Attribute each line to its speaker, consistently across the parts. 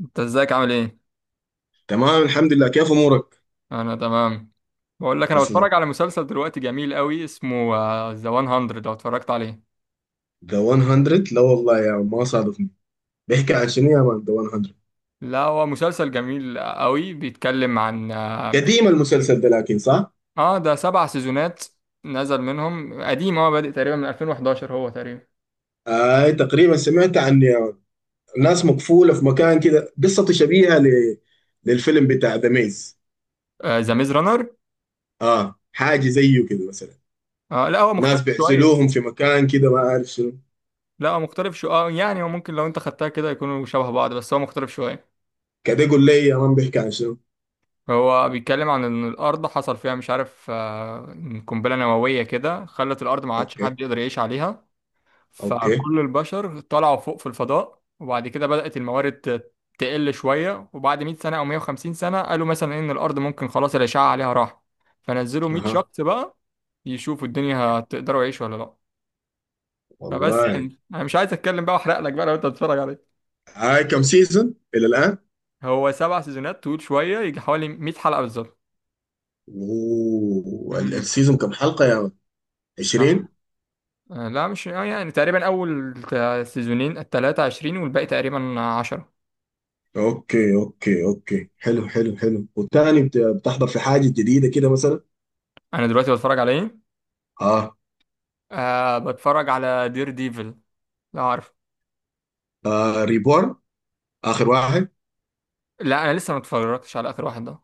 Speaker 1: انت ازيك عامل ايه؟
Speaker 2: تمام الحمد لله، كيف امورك؟
Speaker 1: انا تمام. بقول لك انا
Speaker 2: اصلي
Speaker 1: بتفرج على مسلسل دلوقتي جميل قوي اسمه ذا 100 لو اتفرجت عليه.
Speaker 2: ذا 100، لا والله يا ما صادفني. بيحكي عن شنو يا مان ذا 100؟
Speaker 1: لا، هو مسلسل جميل قوي بيتكلم عن اه
Speaker 2: قديم المسلسل ده لكن صح.
Speaker 1: آه، ده 7 سيزونات نزل منهم قديم، هو بادئ تقريبا من 2011. هو تقريبا
Speaker 2: تقريبا سمعت عن ناس مقفوله في مكان كده، قصته شبيهه للفيلم بتاع ذا ميز.
Speaker 1: ذا ميز رانر.
Speaker 2: اه حاجه زيه كده مثلا.
Speaker 1: آه، لا هو
Speaker 2: ناس
Speaker 1: مختلف شويه.
Speaker 2: بيعزلوهم في مكان كده، ما عارف شنو.
Speaker 1: لا هو مختلف شويه، يعني هو ممكن لو انت خدتها كده يكونوا شبه بعض، بس هو مختلف شويه.
Speaker 2: كده قول لي يا مان بيحكي عن شنو.
Speaker 1: هو بيتكلم عن ان الارض حصل فيها مش عارف، قنبله نوويه كده خلت الارض ما عادش
Speaker 2: اوكي.
Speaker 1: حد يقدر يعيش عليها.
Speaker 2: اوكي.
Speaker 1: فكل البشر طلعوا فوق في الفضاء، وبعد كده بدأت الموارد تقل شوية. وبعد 100 سنة أو 150 سنة قالوا مثلا إن الأرض ممكن خلاص الأشعة عليها راح. فنزلوا 100
Speaker 2: اها.
Speaker 1: شخص بقى يشوفوا الدنيا هتقدروا يعيشوا ولا لأ. فبس
Speaker 2: والله.
Speaker 1: يعني أنا مش عايز أتكلم بقى وأحرق لك بقى لو أنت هتتفرج عليه.
Speaker 2: هاي كم سيزون الى الان؟
Speaker 1: هو 7 سيزونات طويل شوية، يجي حوالي 100 حلقة بالظبط. مم.
Speaker 2: والسيزون كم حلقه يا مان؟
Speaker 1: آه.
Speaker 2: 20.
Speaker 1: آه، لا مش آه، يعني تقريبا أول سيزونين 23 والباقي تقريبا 10.
Speaker 2: اوكي، اوكي، اوكي، حلو، حلو، حلو. والتاني بتحضر في حاجه جديده كده مثلا؟
Speaker 1: أنا دلوقتي بتفرج على إيه؟
Speaker 2: اه.
Speaker 1: آه، بتفرج على دير ديفل. لا عارف.
Speaker 2: ريبورن، اخر واحد.
Speaker 1: لا انا لسه ما اتفرجتش على اخر واحد ده.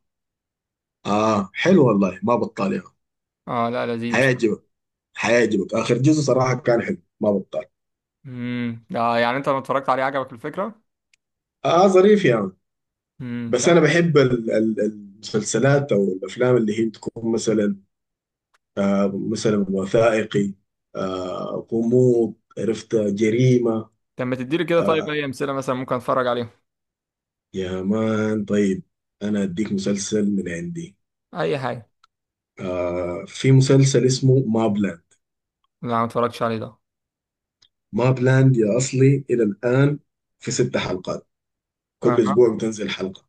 Speaker 2: اه حلو والله، ما بطال يا عم.
Speaker 1: اه، لا لذيذ اسمه.
Speaker 2: حيعجبك. حيعجبك، اخر جزء صراحه كان حلو، ما بطال.
Speaker 1: ده يعني انت لما اتفرجت عليه عجبك الفكره؟
Speaker 2: اه ظريف يا عم. بس انا
Speaker 1: طب.
Speaker 2: بحب المسلسلات او الافلام اللي هي تكون مثلا مثلا وثائقي، غموض، عرفت، جريمه.
Speaker 1: طب ما تديلي كده، طيب اي
Speaker 2: آه
Speaker 1: امثله مثلا ممكن اتفرج عليهم.
Speaker 2: يا مان طيب، انا اديك مسلسل من عندي.
Speaker 1: اي حاجه.
Speaker 2: في مسلسل اسمه ما بلاند.
Speaker 1: لا ما اتفرجتش عليه ده.
Speaker 2: ما بلاند يا أصلي، إلى الآن في 6 حلقات، كل
Speaker 1: اها.
Speaker 2: أسبوع بتنزل حلقة.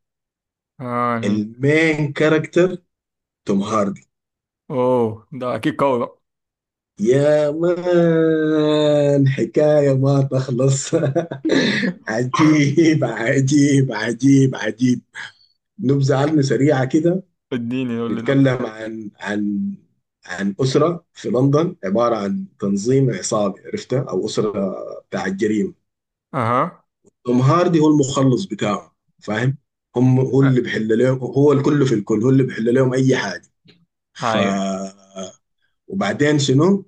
Speaker 1: اه.
Speaker 2: المين كاركتر توم هاردي.
Speaker 1: اوه، ده اكيد قوي بقى.
Speaker 2: يا مان حكاية ما تخلص. عجيب عجيب عجيب عجيب. نبذة عنه سريعة كده.
Speaker 1: اديني قول لي ده.
Speaker 2: بيتكلم عن عن أسرة في لندن، عبارة عن تنظيم عصابي، عرفتها، أو أسرة بتاع الجريمة.
Speaker 1: اها.
Speaker 2: توم هاردي هو المخلص بتاعه، فاهم؟ هم هو
Speaker 1: آه.
Speaker 2: اللي بيحل لهم، هو الكل في الكل، هو اللي بيحل لهم اي حاجه. ف
Speaker 1: هاي.
Speaker 2: وبعدين شنو؟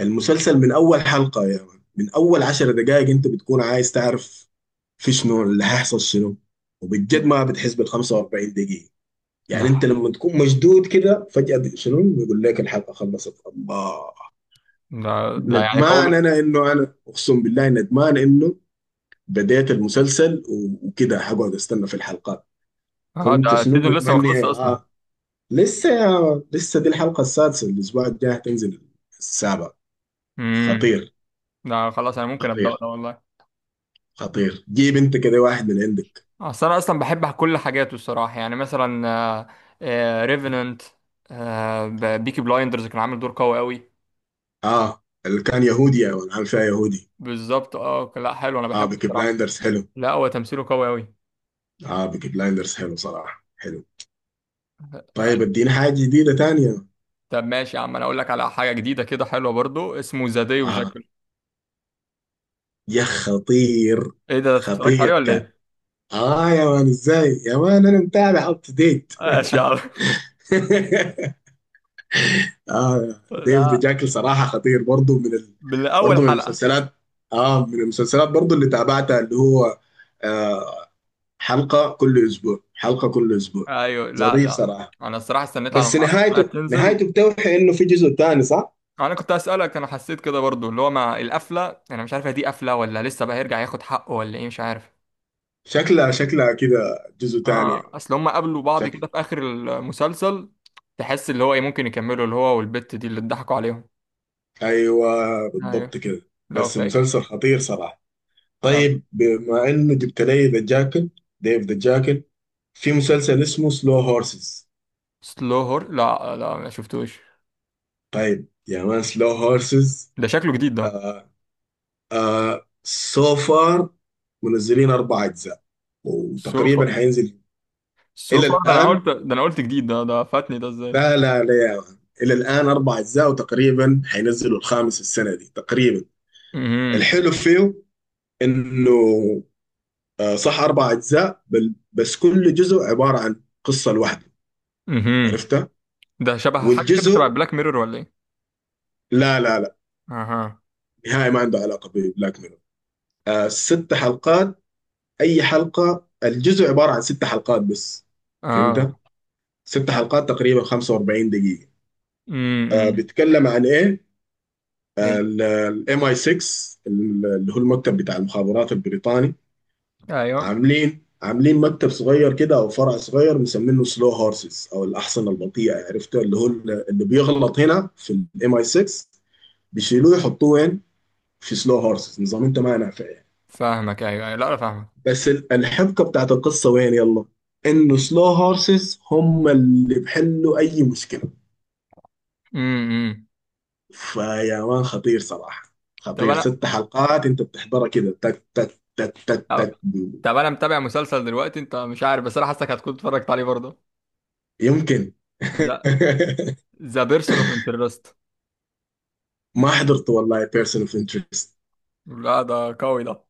Speaker 2: المسلسل من اول حلقه يا يعني من اول 10 دقائق، انت بتكون عايز تعرف في شنو، اللي هيحصل شنو.
Speaker 1: ده
Speaker 2: وبجد ما بتحس بال 45 دقيقه. يعني انت
Speaker 1: ده
Speaker 2: لما تكون مشدود كده فجاه شنو بيقول لك الحلقه خلصت، الله!
Speaker 1: ده يعني قوي من.
Speaker 2: ندمان انا انه، انا اقسم بالله ندمان انه بديت المسلسل، وكده هقعد استنى في الحلقات.
Speaker 1: اه،
Speaker 2: كنت
Speaker 1: ده
Speaker 2: شنو
Speaker 1: السيزون لسه ما خلصش
Speaker 2: متمني.
Speaker 1: اصلا.
Speaker 2: لسه يا لسه، دي الحلقة السادسة، الأسبوع الجاي تنزل السابع.
Speaker 1: امم.
Speaker 2: خطير.
Speaker 1: ده خلاص انا ممكن ابدا
Speaker 2: خطير،
Speaker 1: ده والله.
Speaker 2: خطير. جيب أنت كده واحد من عندك.
Speaker 1: آه، اصل انا اصلا بحب كل حاجاته الصراحه، يعني مثلا ريفننت، بيكي بلايندرز كان عامل دور قوي قوي.
Speaker 2: اللي كان يهودي يا ولد، عامل فيها يهودي.
Speaker 1: بالظبط، اه لا حلو انا
Speaker 2: آه
Speaker 1: بحبه
Speaker 2: بيكي
Speaker 1: الصراحه.
Speaker 2: بلايندرز حلو.
Speaker 1: لا هو تمثيله قوي قوي.
Speaker 2: آه بيكي بلايندرز حلو صراحة، حلو.
Speaker 1: آه،
Speaker 2: طيب اديني حاجة جديدة تانية.
Speaker 1: طب ماشي يا عم، انا اقول لك على حاجه جديده كده حلوه برضو، اسمه ذا داي
Speaker 2: آه
Speaker 1: وجاكل.
Speaker 2: يا خطير.
Speaker 1: ايه ده، اتفرجت
Speaker 2: خطير
Speaker 1: عليه ولا
Speaker 2: كان.
Speaker 1: ايه؟
Speaker 2: يا مان إزاي يا مان، أنا متابع أب تو ديت.
Speaker 1: ماشي يا عم.
Speaker 2: اه ديف دي
Speaker 1: لا.
Speaker 2: جاكل صراحه خطير برضه، من
Speaker 1: بالاول
Speaker 2: برضه من
Speaker 1: حلقه.
Speaker 2: المسلسلات. اه من المسلسلات برضه اللي تابعتها، اللي هو آه حلقه كل اسبوع، حلقه كل اسبوع.
Speaker 1: ايوه، لا
Speaker 2: ظريف
Speaker 1: لا
Speaker 2: صراحه.
Speaker 1: انا الصراحه استنيت على
Speaker 2: بس
Speaker 1: ما 10 حلقات
Speaker 2: نهايته
Speaker 1: تنزل و...
Speaker 2: نهايته بتوحي انه في جزء تاني، صح؟
Speaker 1: انا كنت اسالك، انا حسيت كده برضو، اللي هو مع القفله انا مش عارف هي دي قفله ولا لسه بقى هيرجع ياخد حقه ولا ايه، مش عارف.
Speaker 2: شكلها كده جزء تاني يعني.
Speaker 1: اه، اصل هم قابلوا بعض كده
Speaker 2: شكل.
Speaker 1: في اخر المسلسل. تحس اللي هو ايه، ممكن يكملوا اللي هو والبت دي اللي اتضحكوا عليهم.
Speaker 2: ايوه، بالضبط
Speaker 1: ايوه.
Speaker 2: كده.
Speaker 1: لو
Speaker 2: بس
Speaker 1: فاكر.
Speaker 2: مسلسل خطير صراحه.
Speaker 1: طب.
Speaker 2: طيب بما انه جبت لي ذا جاكل، ديف ذا جاكل، في مسلسل اسمه سلو هورسز.
Speaker 1: سلو هور، لا لا ما شفتوش.
Speaker 2: طيب يا مان، سلو هورسز.
Speaker 1: ده شكله جديد ده.
Speaker 2: آه. آه سو فار منزلين 4 اجزاء
Speaker 1: سوفا.
Speaker 2: وتقريبا حينزل الى
Speaker 1: سوفا ده انا
Speaker 2: الان.
Speaker 1: قلت ده انا قلت جديد، ده فاتني ده ازاي؟
Speaker 2: لا لا لا يا مان. الى الان 4 اجزاء وتقريبا حينزلوا الخامس السنه دي تقريبا.
Speaker 1: امم،
Speaker 2: الحلو فيه انه صح 4 اجزاء، بس كل جزء عباره عن قصه لوحده،
Speaker 1: امم.
Speaker 2: عرفتها.
Speaker 1: ده شبه حاجه كده، شبه
Speaker 2: والجزء،
Speaker 1: بلاك ميرور ولا ايه؟
Speaker 2: لا لا لا،
Speaker 1: اها.
Speaker 2: نهائي ما عنده علاقه ببلاك ميرور. آه ست حلقات، اي حلقه الجزء عباره عن 6 حلقات بس،
Speaker 1: اه
Speaker 2: فهمت؟ ست
Speaker 1: حلو.
Speaker 2: حلقات تقريبا 45 دقيقة.
Speaker 1: امم.
Speaker 2: بيتكلم عن ايه؟
Speaker 1: ايه.
Speaker 2: الام اي 6، اللي هو المكتب بتاع المخابرات البريطاني.
Speaker 1: ايوه
Speaker 2: عاملين مكتب صغير كده او فرع صغير مسمينه سلو هورسز او الاحصنه البطيئه، عرفته؟ اللي هو اللي بيغلط هنا في الام اي 6 بيشيلوه يحطوه وين؟ في سلو هورسز. نظام انت ما نافع يعني.
Speaker 1: فاهمك، ايوه لا انا فاهمك.
Speaker 2: بس الحبكه بتاعت القصه وين يلا؟ انه
Speaker 1: امم.
Speaker 2: سلو هورسز هم اللي بحلوا اي مشكله.
Speaker 1: إمم، إمم.
Speaker 2: فيا مان خطير صراحة،
Speaker 1: طب
Speaker 2: خطير،
Speaker 1: انا
Speaker 2: ست حلقات انت بتحضرها كده تك تك تك تك تك.
Speaker 1: طب انا متابع مسلسل دلوقتي، انت مش عارف بس انا حاسسك هتكون اتفرجت عليه برضه.
Speaker 2: يمكن.
Speaker 1: لا. ذا بيرسون اوف انترست.
Speaker 2: ما حضرت والله بيرسون اوف انترست،
Speaker 1: لا ده قوي ده.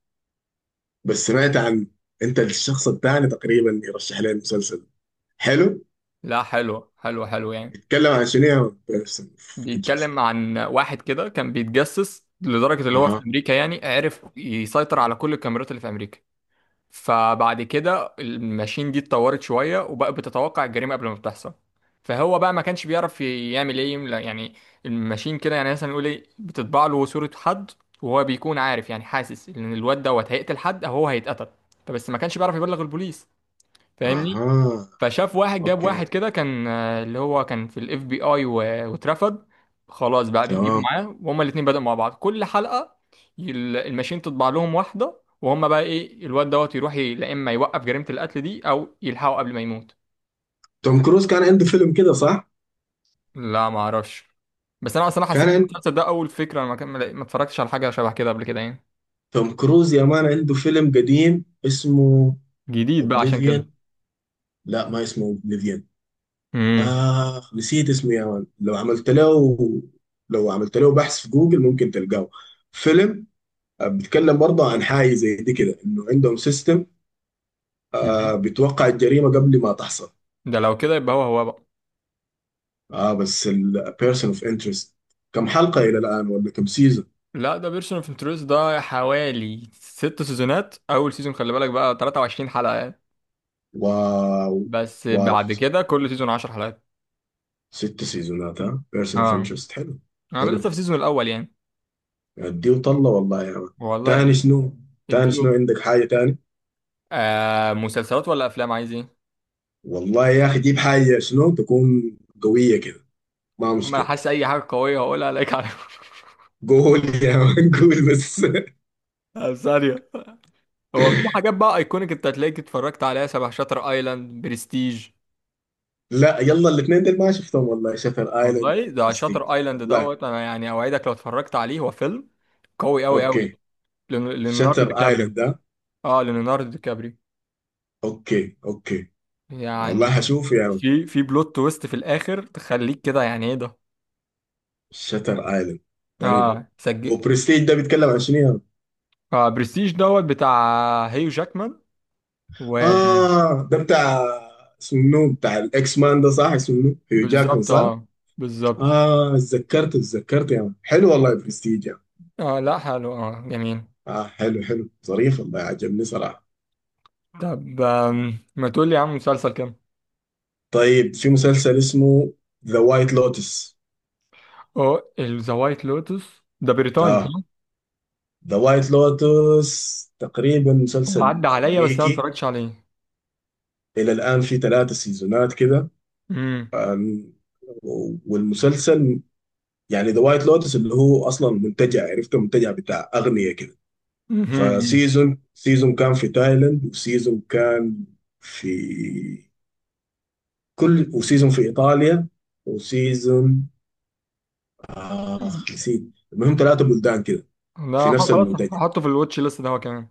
Speaker 2: بس سمعت عن، انت الشخص الثاني تقريبا يرشح لي المسلسل. حلو.
Speaker 1: لا حلو حلو حلو يعني.
Speaker 2: بيتكلم عن شنو يا بيرسون اوف انترست؟
Speaker 1: بيتكلم عن واحد كده كان بيتجسس لدرجة اللي هو في
Speaker 2: اها.
Speaker 1: امريكا، يعني عرف يسيطر على كل الكاميرات اللي في امريكا. فبعد كده الماشين دي اتطورت شوية وبقى بتتوقع الجريمة قبل ما بتحصل. فهو بقى ما كانش بيعرف يعمل ايه، لا، يعني الماشين كده يعني مثلا نقول ايه بتطبع له صورة حد، وهو بيكون عارف يعني حاسس ان الواد دوت هيقتل حد او هو هيتقتل. فبس ما كانش بيعرف يبلغ البوليس، فاهمني.
Speaker 2: اها.
Speaker 1: فشاف واحد جاب
Speaker 2: اوكي.
Speaker 1: واحد كده كان اللي هو كان في الاف بي اي واترفض. خلاص بقى بيجيبوا
Speaker 2: تمام.
Speaker 1: معاه، وهما الاتنين بدأوا مع بعض كل حلقة الماشين تطبع لهم واحدة، وهما بقى ايه الواد دوت يروح لا، اما يوقف جريمة القتل دي او يلحقه قبل ما يموت.
Speaker 2: توم كروز كان عنده فيلم كده صح؟
Speaker 1: لا ما اعرفش. بس انا اصلا
Speaker 2: كان
Speaker 1: حسيت ان
Speaker 2: عن-
Speaker 1: المسلسل ده اول فكرة، انا ما اتفرجتش على حاجة شبه كده قبل كده يعني.
Speaker 2: توم كروز يا مان عنده فيلم قديم اسمه
Speaker 1: جديد بقى عشان كده.
Speaker 2: اوبليفيان. لا ما اسمه اوبليفيان.
Speaker 1: امم
Speaker 2: نسيت اسمه يا مان، لو عملت له، لو عملت له بحث في جوجل ممكن تلقاه. فيلم بيتكلم برضه عن حاجة زي دي كده، انه عندهم سيستم بيتوقع الجريمة قبل ما تحصل.
Speaker 1: ده لو كده يبقى هو هو بقى.
Speaker 2: اه بس البيرسون اوف انترست كم حلقة إلى الآن، ولا كم سيزون؟
Speaker 1: لا ده بيرسون اوف انترست ده حوالي 6 سيزونات، اول سيزون خلي بالك بقى 23 حلقة يعني.
Speaker 2: واو.
Speaker 1: بس
Speaker 2: واو.
Speaker 1: بعد كده كل سيزون 10 حلقات.
Speaker 2: 6 سيزونات، ها، بيرسون اوف
Speaker 1: اه.
Speaker 2: انترست حلو.
Speaker 1: انا لسه في
Speaker 2: حلو.
Speaker 1: السيزون الاول يعني.
Speaker 2: ادي وطلع والله يا مان. تاني
Speaker 1: والله.
Speaker 2: شنو؟ تاني شنو
Speaker 1: اديله.
Speaker 2: عندك، حاجة تاني؟
Speaker 1: مسلسلات ولا افلام عايز ايه؟
Speaker 2: والله يا أخي جيب حاجة شنو تكون قوية كده، ما
Speaker 1: اما انا
Speaker 2: مشكلة.
Speaker 1: حاسس اي حاجة قوية هقولها عليك على...
Speaker 2: قول يا مان قول بس.
Speaker 1: ثانية. هو في حاجات بقى ايكونيك انت هتلاقيك اتفرجت عليها، شبه شاتر ايلاند، برستيج.
Speaker 2: لا يلا، الاثنين دول ما شفتهم والله، شاتر ايلاند
Speaker 1: والله ده
Speaker 2: وبرستيج.
Speaker 1: شاتر ايلاند
Speaker 2: والله.
Speaker 1: دوت، انا يعني اوعدك لو اتفرجت عليه، هو فيلم قوي قوي
Speaker 2: اوكي.
Speaker 1: قوي. ليوناردو
Speaker 2: شاتر
Speaker 1: دي كابريو.
Speaker 2: ايلاند ده.
Speaker 1: اه ليوناردو دي كابريو
Speaker 2: اوكي، اوكي. والله
Speaker 1: يعني.
Speaker 2: هشوف يا مان.
Speaker 1: في بلوت تويست في الاخر تخليك كده يعني ايه ده.
Speaker 2: شاتر ايلاند. طيب،
Speaker 1: اه سجل.
Speaker 2: وبرستيج ده بيتكلم عن شنو يا مان؟
Speaker 1: اه برستيج دوت بتاع هيو جاكمان.
Speaker 2: اه ده بتاع، اسمه منو؟ بتاع الاكس مان ده، صح؟ اسمه منو؟ هيو جاكمان
Speaker 1: وبالظبط
Speaker 2: صح؟
Speaker 1: اه بالظبط
Speaker 2: اه اتذكرت يا مان، حلو والله برستيج يا مان.
Speaker 1: اه لا حلو، اه جميل.
Speaker 2: اه حلو، حلو، ظريف والله، عجبني صراحة.
Speaker 1: طب ما تقول لي يا عم مسلسل كام.
Speaker 2: طيب في مسلسل اسمه ذا وايت لوتس.
Speaker 1: اه ذا وايت لوتس ده بريطاني
Speaker 2: اه
Speaker 1: صح؟
Speaker 2: ذا وايت لوتس تقريبا
Speaker 1: هو
Speaker 2: مسلسل
Speaker 1: عدى عليا بس انا ما
Speaker 2: امريكي،
Speaker 1: اتفرجتش عليه.
Speaker 2: الى الان في 3 سيزونات كده.
Speaker 1: امم،
Speaker 2: آم، والمسلسل يعني ذا وايت لوتس اللي هو اصلا منتجع، عرفته، منتجع بتاع اغنية كده.
Speaker 1: امم.
Speaker 2: سيزون كان في تايلاند، وسيزون كان في كل، وسيزون في ايطاليا، وسيزون اخ نسيت. المهم 3 بلدان كده في
Speaker 1: لا
Speaker 2: نفس
Speaker 1: خلاص
Speaker 2: المنتجع.
Speaker 1: هحطه في الواتش ليست ده هو كمان.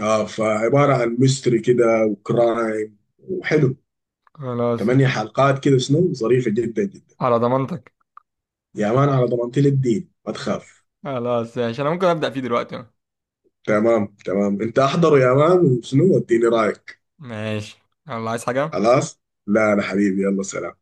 Speaker 2: اه فعبارة عن ميستري كده وكرايم، وحلو،
Speaker 1: خلاص.
Speaker 2: 8 حلقات كده شنو، ظريفة جدا جدا.
Speaker 1: على ضمانتك.
Speaker 2: يا مان على ضمانتي الدين، ما تخاف.
Speaker 1: خلاص ماشي انا ممكن ابدا فيه دلوقتي.
Speaker 2: تمام، تمام، انت احضره يا مان وشنو اديني رايك.
Speaker 1: ماشي. يلا عايز حاجه.
Speaker 2: خلاص. لا لا حبيبي، يلا سلام.